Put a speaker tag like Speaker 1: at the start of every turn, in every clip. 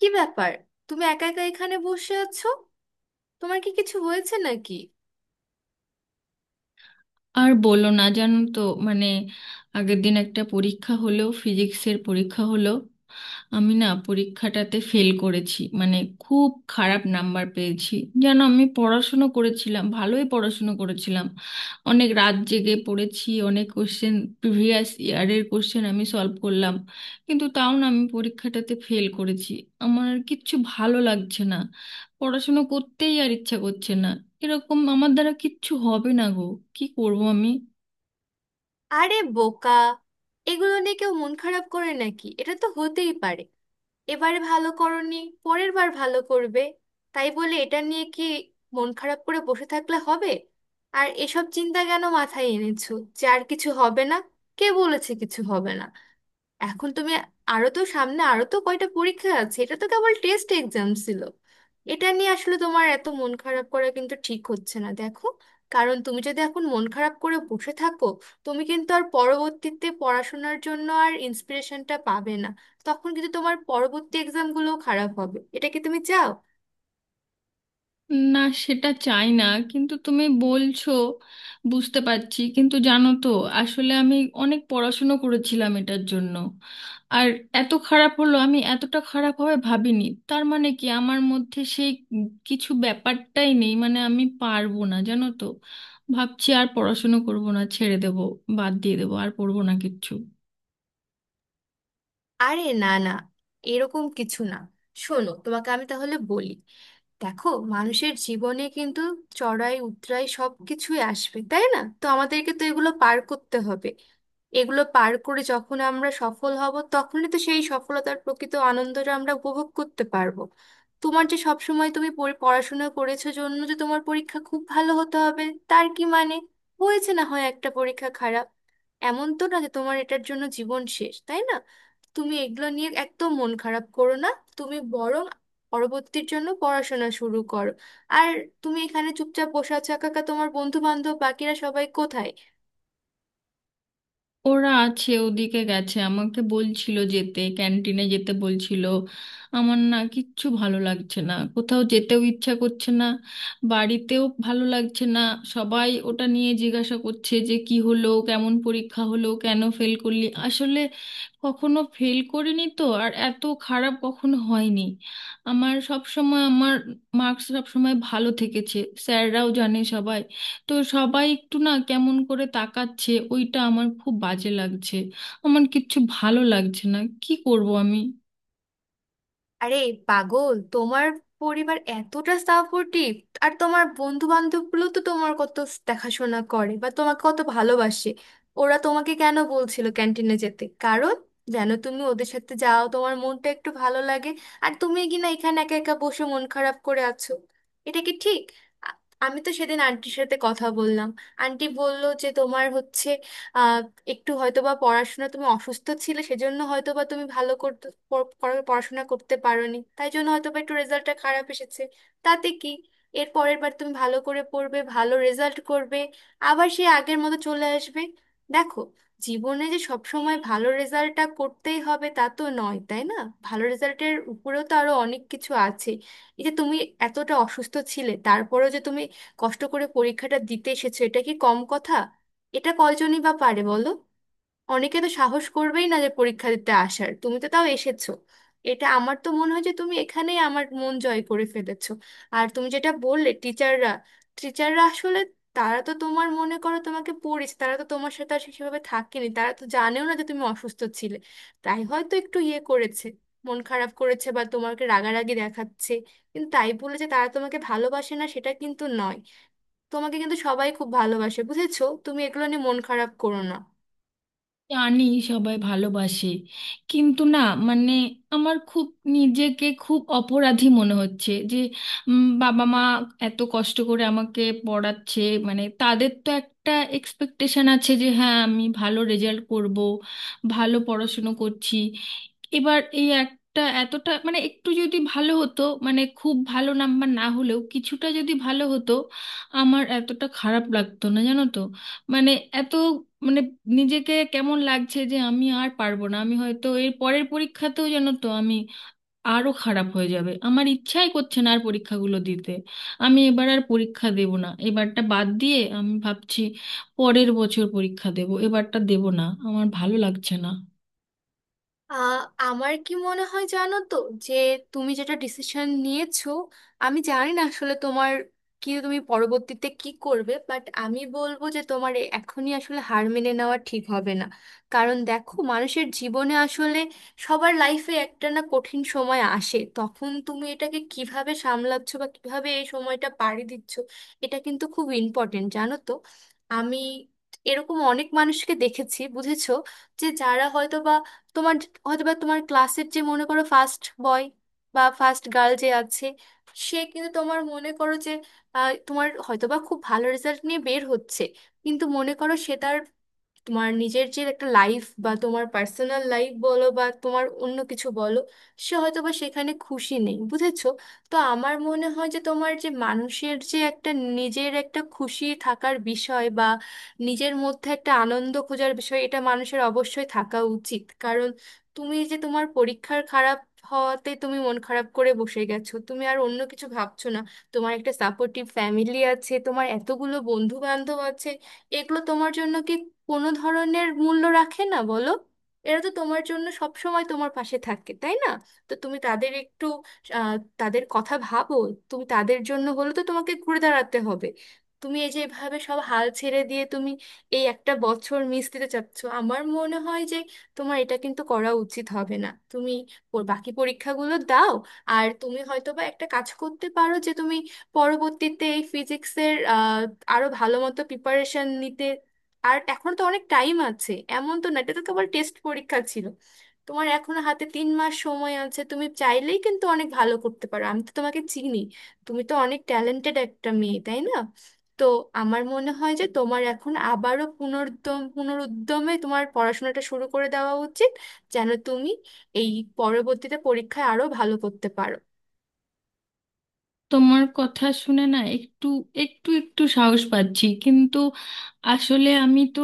Speaker 1: কি ব্যাপার? তুমি একা একা এখানে বসে আছো? তোমার কি কিছু হয়েছে নাকি?
Speaker 2: আর বলো না, জানো তো, মানে আগের দিন একটা পরীক্ষা হলো, ফিজিক্সের পরীক্ষা হলো। আমি না পরীক্ষাটাতে ফেল করেছি, মানে খুব খারাপ নাম্বার পেয়েছি। জানো, আমি পড়াশুনো করেছিলাম, ভালোই পড়াশুনো করেছিলাম, অনেক রাত জেগে পড়েছি, অনেক কোশ্চেন, প্রিভিয়াস ইয়ারের কোশ্চেন আমি সলভ করলাম, কিন্তু তাও না আমি পরীক্ষাটাতে ফেল করেছি। আমার আর কিচ্ছু ভালো লাগছে না, পড়াশুনো করতেই আর ইচ্ছা করছে না। এরকম আমার দ্বারা কিচ্ছু হবে না গো, কি করব আমি?
Speaker 1: আরে বোকা, এগুলো নিয়ে কেউ মন খারাপ করে নাকি? এটা তো হতেই পারে। এবারে ভালো করনি, পরের বার ভালো করবে। তাই বলে এটা নিয়ে কি মন খারাপ করে বসে থাকলে হবে? আর এসব চিন্তা কেন মাথায় এনেছো যে আর কিছু হবে না? কে বলেছে কিছু হবে না? এখন তুমি আরো তো সামনে, আরো তো কয়টা পরীক্ষা আছে, এটা তো কেবল টেস্ট এক্সাম ছিল। এটা নিয়ে আসলে তোমার এত মন খারাপ করা কিন্তু ঠিক হচ্ছে না, দেখো। কারণ তুমি যদি এখন মন খারাপ করে বসে থাকো, তুমি কিন্তু আর পরবর্তীতে পড়াশোনার জন্য আর ইন্সপিরেশনটা পাবে না। তখন কিন্তু তোমার পরবর্তী এক্সামগুলোও খারাপ হবে, এটা কি তুমি চাও?
Speaker 2: না, সেটা চাই না, কিন্তু তুমি বলছো, বুঝতে পারছি, কিন্তু জানো তো আসলে আমি অনেক পড়াশুনো করেছিলাম এটার জন্য, আর এত খারাপ হলো, আমি এতটা খারাপ হবে ভাবিনি। তার মানে কি আমার মধ্যে সেই কিছু ব্যাপারটাই নেই, মানে আমি পারবো না, জানো তো। ভাবছি আর পড়াশুনো করবো না, ছেড়ে দেবো, বাদ দিয়ে দেবো, আর পড়বো না কিচ্ছু।
Speaker 1: আরে না না, এরকম কিছু না। শোনো, তোমাকে আমি তাহলে বলি, দেখো, মানুষের জীবনে কিন্তু চড়াই উৎরাই সব কিছুই আসবে, তাই না? তো আমাদেরকে তো এগুলো পার করতে হবে। এগুলো পার করে যখন আমরা সফল হব, তখনই তো সেই সফলতার প্রকৃত আনন্দটা আমরা উপভোগ করতে পারবো। তোমার যে সব সময় তুমি পড়াশোনা করেছো জন্য যে তোমার পরীক্ষা খুব ভালো হতে হবে, তার কি মানে? হয়েছে না হয় একটা পরীক্ষা খারাপ, এমন তো না যে তোমার এটার জন্য জীবন শেষ, তাই না? তুমি এগুলো নিয়ে একদম মন খারাপ করো না। তুমি বরং পরবর্তীর জন্য পড়াশোনা শুরু করো। আর তুমি এখানে চুপচাপ বসে আছো একা একা, তোমার বন্ধু বান্ধব বাকিরা সবাই কোথায়?
Speaker 2: ওরা আছে, ওদিকে গেছে, আমাকে বলছিল যেতে, ক্যান্টিনে যেতে বলছিল। আমার না কিচ্ছু ভালো লাগছে না, কোথাও যেতেও ইচ্ছা করছে না, বাড়িতেও ভালো লাগছে না। সবাই ওটা নিয়ে জিজ্ঞাসা করছে যে কি হলো, কেমন পরীক্ষা হলো, কেন ফেল করলি। আসলে কখনো ফেল করিনি তো, আর এত খারাপ কখনো হয়নি। আমার সব সময় আমার মার্কস সব সময় ভালো থেকেছে, স্যাররাও জানে সবাই। তো সবাই একটু না কেমন করে তাকাচ্ছে, ওইটা আমার খুব বাজে লাগছে। আমার কিচ্ছু ভালো লাগছে না, কি করব আমি?
Speaker 1: আরে পাগল, তোমার পরিবার এতটা সাপোর্টিভ, আর তোমার বন্ধু বান্ধব গুলো তো তোমার কত দেখাশোনা করে বা তোমাকে কত ভালোবাসে। ওরা তোমাকে কেন বলছিল ক্যান্টিনে যেতে? কারণ যেন তুমি ওদের সাথে যাও, তোমার মনটা একটু ভালো লাগে। আর তুমি কিনা এখানে একা একা বসে মন খারাপ করে আছো, এটা কি ঠিক? আ- আমি তো সেদিন আন্টির সাথে কথা বললাম। আন্টি বলল যে তোমার হচ্ছে একটু হয়তোবা পড়াশোনা, তুমি অসুস্থ ছিলে সেজন্য হয়তোবা তুমি ভালো করতে পড়াশোনা করতে পারোনি, তাই জন্য হয়তোবা একটু রেজাল্টটা খারাপ এসেছে। তাতে কি? এর পরের বার তুমি ভালো করে পড়বে, ভালো রেজাল্ট করবে। আবার সে আগের মতো চলে আসবে। দেখো, জীবনে যে সব সময় ভালো রেজাল্টটা করতেই হবে তা তো নয়, তাই না? ভালো রেজাল্টের উপরেও তো আরো অনেক কিছু আছে। এই যে তুমি এতটা অসুস্থ ছিলে, তারপরেও যে তুমি কষ্ট করে পরীক্ষাটা দিতে এসেছো, এটা কি কম কথা? এটা কয়জনই বা পারে বলো? অনেকে তো সাহস করবেই না যে পরীক্ষা দিতে আসার, তুমি তো তাও এসেছো। এটা আমার তো মনে হয় যে তুমি এখানেই আমার মন জয় করে ফেলেছো। আর তুমি যেটা বললে টিচাররা টিচাররা আসলে তারা তো তোমার, মনে করো, তোমাকে পড়িয়েছে, তারা তো তোমার সাথে আর সেভাবে থাকেনি, তারা তো জানেও না যে তুমি অসুস্থ ছিলে। তাই হয়তো একটু ইয়ে করেছে, মন খারাপ করেছে বা তোমাকে রাগারাগি দেখাচ্ছে। কিন্তু তাই বলে যে তারা তোমাকে ভালোবাসে না সেটা কিন্তু নয়। তোমাকে কিন্তু সবাই খুব ভালোবাসে, বুঝেছো? তুমি এগুলো নিয়ে মন খারাপ করো না।
Speaker 2: জানি, সবাই ভালোবাসে, কিন্তু না, মানে আমার খুব নিজেকে খুব অপরাধী মনে হচ্ছে যে বাবা মা এত কষ্ট করে আমাকে পড়াচ্ছে। মানে তাদের তো একটা এক্সপেকটেশন আছে যে হ্যাঁ আমি ভালো রেজাল্ট করব, ভালো পড়াশুনো করছি। এবার এই একটা এতটা, মানে একটু যদি ভালো হতো, মানে খুব ভালো নাম্বার না হলেও কিছুটা যদি ভালো হতো, আমার এতটা খারাপ লাগতো না, জানো তো। মানে এত, মানে নিজেকে কেমন লাগছে যে আমি আর পারবো না, আমি হয়তো এর পরের পরীক্ষাতেও যেন তো আমি আরো খারাপ হয়ে যাবে। আমার ইচ্ছাই করছে না আর পরীক্ষাগুলো দিতে। আমি এবার আর পরীক্ষা দেব না, এবারটা বাদ দিয়ে আমি ভাবছি পরের বছর পরীক্ষা দেব, এবারটা দেব না, আমার ভালো লাগছে না।
Speaker 1: আহ, আমার কি মনে হয় জানো তো, যে তুমি যেটা ডিসিশন নিয়েছো, আমি জানি না আসলে তোমার কি, তুমি পরবর্তীতে কি করবে, বাট আমি বলবো যে তোমার এখনই আসলে হার মেনে নেওয়া ঠিক হবে না। কারণ দেখো, মানুষের জীবনে আসলে সবার লাইফে একটা না কঠিন সময় আসে, তখন তুমি এটাকে কিভাবে সামলাচ্ছ বা কিভাবে এই সময়টা পাড়ি দিচ্ছ, এটা কিন্তু খুব ইম্পর্টেন্ট, জানো তো? আমি এরকম অনেক মানুষকে দেখেছি, বুঝেছো, যে যারা হয়তো বা তোমার হয়তোবা তোমার ক্লাসের যে, মনে করো, ফার্স্ট বয় বা ফার্স্ট গার্ল যে আছে, সে কিন্তু তোমার, মনে করো যে তোমার হয়তোবা খুব ভালো রেজাল্ট নিয়ে বের হচ্ছে, কিন্তু মনে করো সে তার তোমার নিজের যে একটা লাইফ বা তোমার পার্সোনাল লাইফ বলো বা তোমার অন্য কিছু বলো, সে হয়তো বা সেখানে খুশি নেই, বুঝেছো? তো আমার মনে হয় যে তোমার যে মানুষের যে একটা নিজের একটা খুশি থাকার বিষয় বা নিজের মধ্যে একটা আনন্দ খোঁজার বিষয়, এটা মানুষের অবশ্যই থাকা উচিত। কারণ তুমি যে তোমার পরীক্ষার খারাপ হওয়াতে তুমি মন খারাপ করে বসে গেছো, তুমি আর অন্য কিছু ভাবছো না। তোমার একটা সাপোর্টিভ ফ্যামিলি আছে, তোমার এতগুলো বন্ধু বান্ধব আছে, এগুলো তোমার জন্য কি কোনো ধরনের মূল্য রাখে না বলো? এরা তো তোমার জন্য সব সময় তোমার পাশে থাকে, তাই না? তো তুমি তাদের একটু আহ, তাদের কথা ভাবো। তুমি তাদের জন্য হলে তো তোমাকে ঘুরে দাঁড়াতে হবে। তুমি এই যে এভাবে সব হাল ছেড়ে দিয়ে তুমি এই একটা বছর মিস দিতে চাচ্ছ, আমার মনে হয় যে তোমার এটা কিন্তু করা উচিত হবে না। তুমি ওর বাকি পরীক্ষাগুলো দাও। আর তুমি হয়তো বা একটা কাজ করতে পারো যে তুমি পরবর্তীতে এই ফিজিক্সের আরো ভালো মতো প্রিপারেশন নিতে। আর এখন তো অনেক টাইম আছে, এমন তো না, এটা তো কেবল টেস্ট পরীক্ষা ছিল। তোমার এখনো হাতে 3 মাস সময় আছে, তুমি চাইলেই কিন্তু অনেক ভালো করতে পারো। আমি তো তোমাকে চিনি, তুমি তো অনেক ট্যালেন্টেড একটা মেয়ে, তাই না? তো আমার মনে হয় যে তোমার এখন আবারও পুনরুদ্যমে তোমার পড়াশোনাটা শুরু করে দেওয়া উচিত, যেন তুমি এই পরবর্তীতে পরীক্ষায় আরো ভালো করতে পারো।
Speaker 2: তোমার কথা শুনে না একটু, একটু একটু সাহস পাচ্ছি, কিন্তু আসলে আমি তো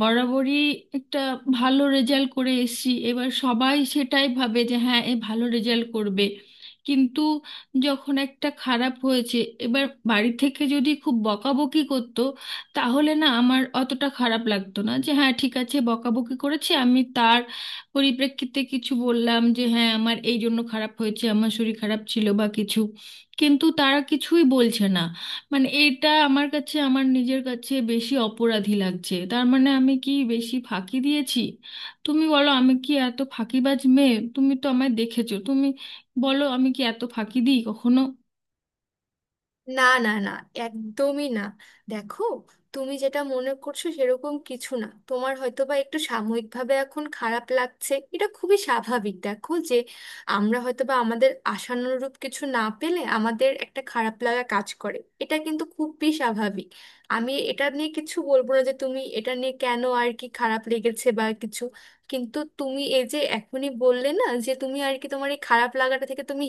Speaker 2: বরাবরই একটা ভালো রেজাল্ট করে এসেছি, এবার সবাই সেটাই ভাবে যে হ্যাঁ এ ভালো রেজাল্ট করবে। কিন্তু যখন একটা খারাপ হয়েছে এবার, বাড়ি থেকে যদি খুব বকাবকি করতো, তাহলে না আমার অতটা খারাপ লাগতো না, যে হ্যাঁ ঠিক আছে বকাবকি করেছে, আমি তার পরিপ্রেক্ষিতে কিছু বললাম যে হ্যাঁ আমার এই জন্য খারাপ হয়েছে, আমার শরীর খারাপ ছিল বা কিছু। কিন্তু তারা কিছুই বলছে না, মানে এটা আমার কাছে, আমার নিজের কাছে বেশি অপরাধী লাগছে। তার মানে আমি কি বেশি ফাঁকি দিয়েছি? তুমি বলো, আমি কি এত ফাঁকিবাজ মেয়ে? তুমি তো আমায় দেখেছো, তুমি বলো, আমি কি এত ফাঁকি দিই কখনো?
Speaker 1: না না না, একদমই না। দেখো, তুমি যেটা মনে করছো সেরকম কিছু না। তোমার হয়তো বা একটু সাময়িকভাবে এখন খারাপ লাগছে, এটা খুবই স্বাভাবিক। দেখো, যে আমরা হয়তো বা আমাদের আশানুরূপ কিছু না পেলে আমাদের একটা খারাপ লাগা কাজ করে, এটা কিন্তু খুবই স্বাভাবিক। আমি এটা নিয়ে কিছু বলবো না যে তুমি এটা নিয়ে কেন আর কি খারাপ লেগেছে বা কিছু। কিন্তু তুমি এই যে এখনই বললে না যে তুমি আর কি, তোমার এই খারাপ লাগাটা থেকে তুমি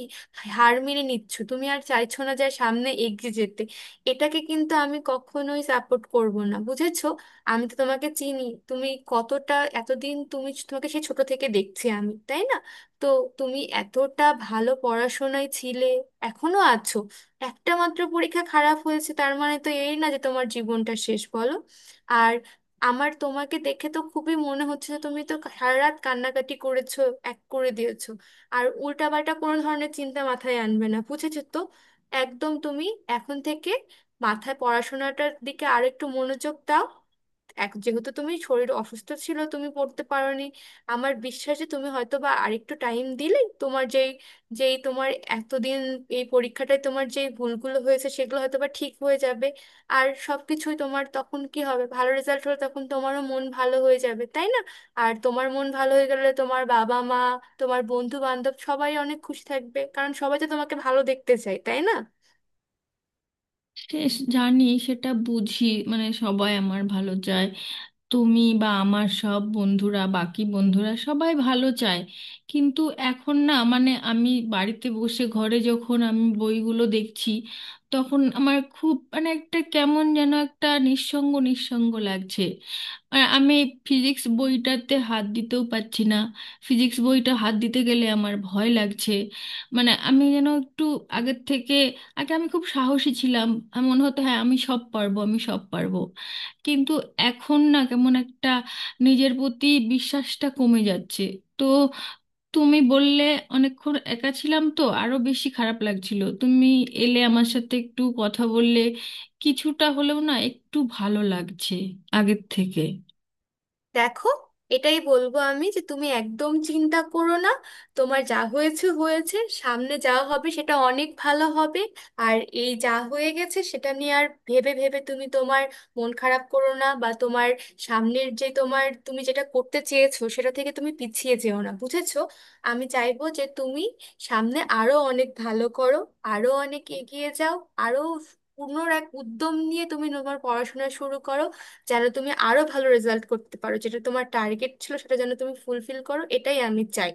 Speaker 1: হার মেনে নিচ্ছ, তুমি আর চাইছো না যে সামনে এগিয়ে যেতে, এটাকে কিন্তু আমি কখনোই সাপোর্ট করব না, বুঝেছো? আমি তো তোমাকে চিনি তুমি কতটা, এতদিন তুমি তোমাকে সেই ছোট থেকে দেখছি আমি, তাই না? তো তুমি এতটা ভালো পড়াশোনায় ছিলে, এখনো আছো। একটা মাত্র পরীক্ষা খারাপ হয়েছে, তার মানে তো এই না যে তোমার জীবনটা শেষ, বলো? আর আমার তোমাকে দেখে তো খুবই মনে হচ্ছে যে তুমি তো সারা রাত কান্নাকাটি করেছো, এক করে দিয়েছো। আর উল্টাপাল্টা কোনো ধরনের চিন্তা মাথায় আনবে না, বুঝেছো তো? একদম তুমি এখন থেকে মাথায় পড়াশোনাটার দিকে আরেকটু মনোযোগ দাও। এক যেহেতু তুমি শরীর অসুস্থ ছিল তুমি পড়তে পারোনি, আমার বিশ্বাস যে তুমি হয়তো বা আরেকটু টাইম দিলে তোমার যেই যেই তোমার এতদিন এই পরীক্ষাটায় তোমার যে ভুলগুলো হয়েছে সেগুলো হয়তো বা ঠিক হয়ে যাবে। আর সবকিছুই তোমার তখন কি হবে, ভালো রেজাল্ট হলে তখন তোমারও মন ভালো হয়ে যাবে, তাই না? আর তোমার মন ভালো হয়ে গেলে তোমার বাবা মা, তোমার বন্ধু বান্ধব সবাই অনেক খুশি থাকবে, কারণ সবাই তো তোমাকে ভালো দেখতে চায়, তাই না?
Speaker 2: সে, জানি সেটা বুঝি, মানে সবাই আমার ভালো চায়, তুমি বা আমার সব বন্ধুরা, বাকি বন্ধুরা সবাই ভালো চায়। কিন্তু এখন না, মানে আমি বাড়িতে বসে ঘরে যখন আমি বইগুলো দেখছি, তখন আমার খুব, মানে একটা কেমন যেন একটা নিঃসঙ্গ নিঃসঙ্গ লাগছে। আর আমি ফিজিক্স বইটাতে হাত দিতেও পারছি না, ফিজিক্স বইটা হাত দিতে গেলে আমার ভয় লাগছে। মানে আমি যেন একটু আগের থেকে, আগে আমি খুব সাহসী ছিলাম, আমার মনে হতো হ্যাঁ আমি সব পারবো, আমি সব পারবো। কিন্তু এখন না কেমন একটা নিজের প্রতি বিশ্বাসটা কমে যাচ্ছে। তো তুমি বললে, অনেকক্ষণ একা ছিলাম তো আরো বেশি খারাপ লাগছিল, তুমি এলে, আমার সাথে একটু কথা বললে, কিছুটা হলেও না একটু ভালো লাগছে আগের থেকে।
Speaker 1: দেখো, এটাই বলবো আমি যে তুমি একদম চিন্তা করো না। তোমার যা হয়েছে হয়েছে, সামনে যা হবে সেটা অনেক ভালো হবে। আর এই যা হয়ে গেছে সেটা নিয়ে আর ভেবে ভেবে তুমি তোমার মন খারাপ করো না, বা তোমার সামনের যে তোমার তুমি যেটা করতে চেয়েছো সেটা থেকে তুমি পিছিয়ে যেও না, বুঝেছো? আমি চাইবো যে তুমি সামনে আরো অনেক ভালো করো, আরো অনেক এগিয়ে যাও, আরো পূর্ণ এক উদ্যম নিয়ে তুমি তোমার পড়াশোনা শুরু করো, যেন তুমি আরো ভালো রেজাল্ট করতে পারো, যেটা তোমার টার্গেট ছিল সেটা যেন তুমি ফুলফিল করো, এটাই আমি চাই।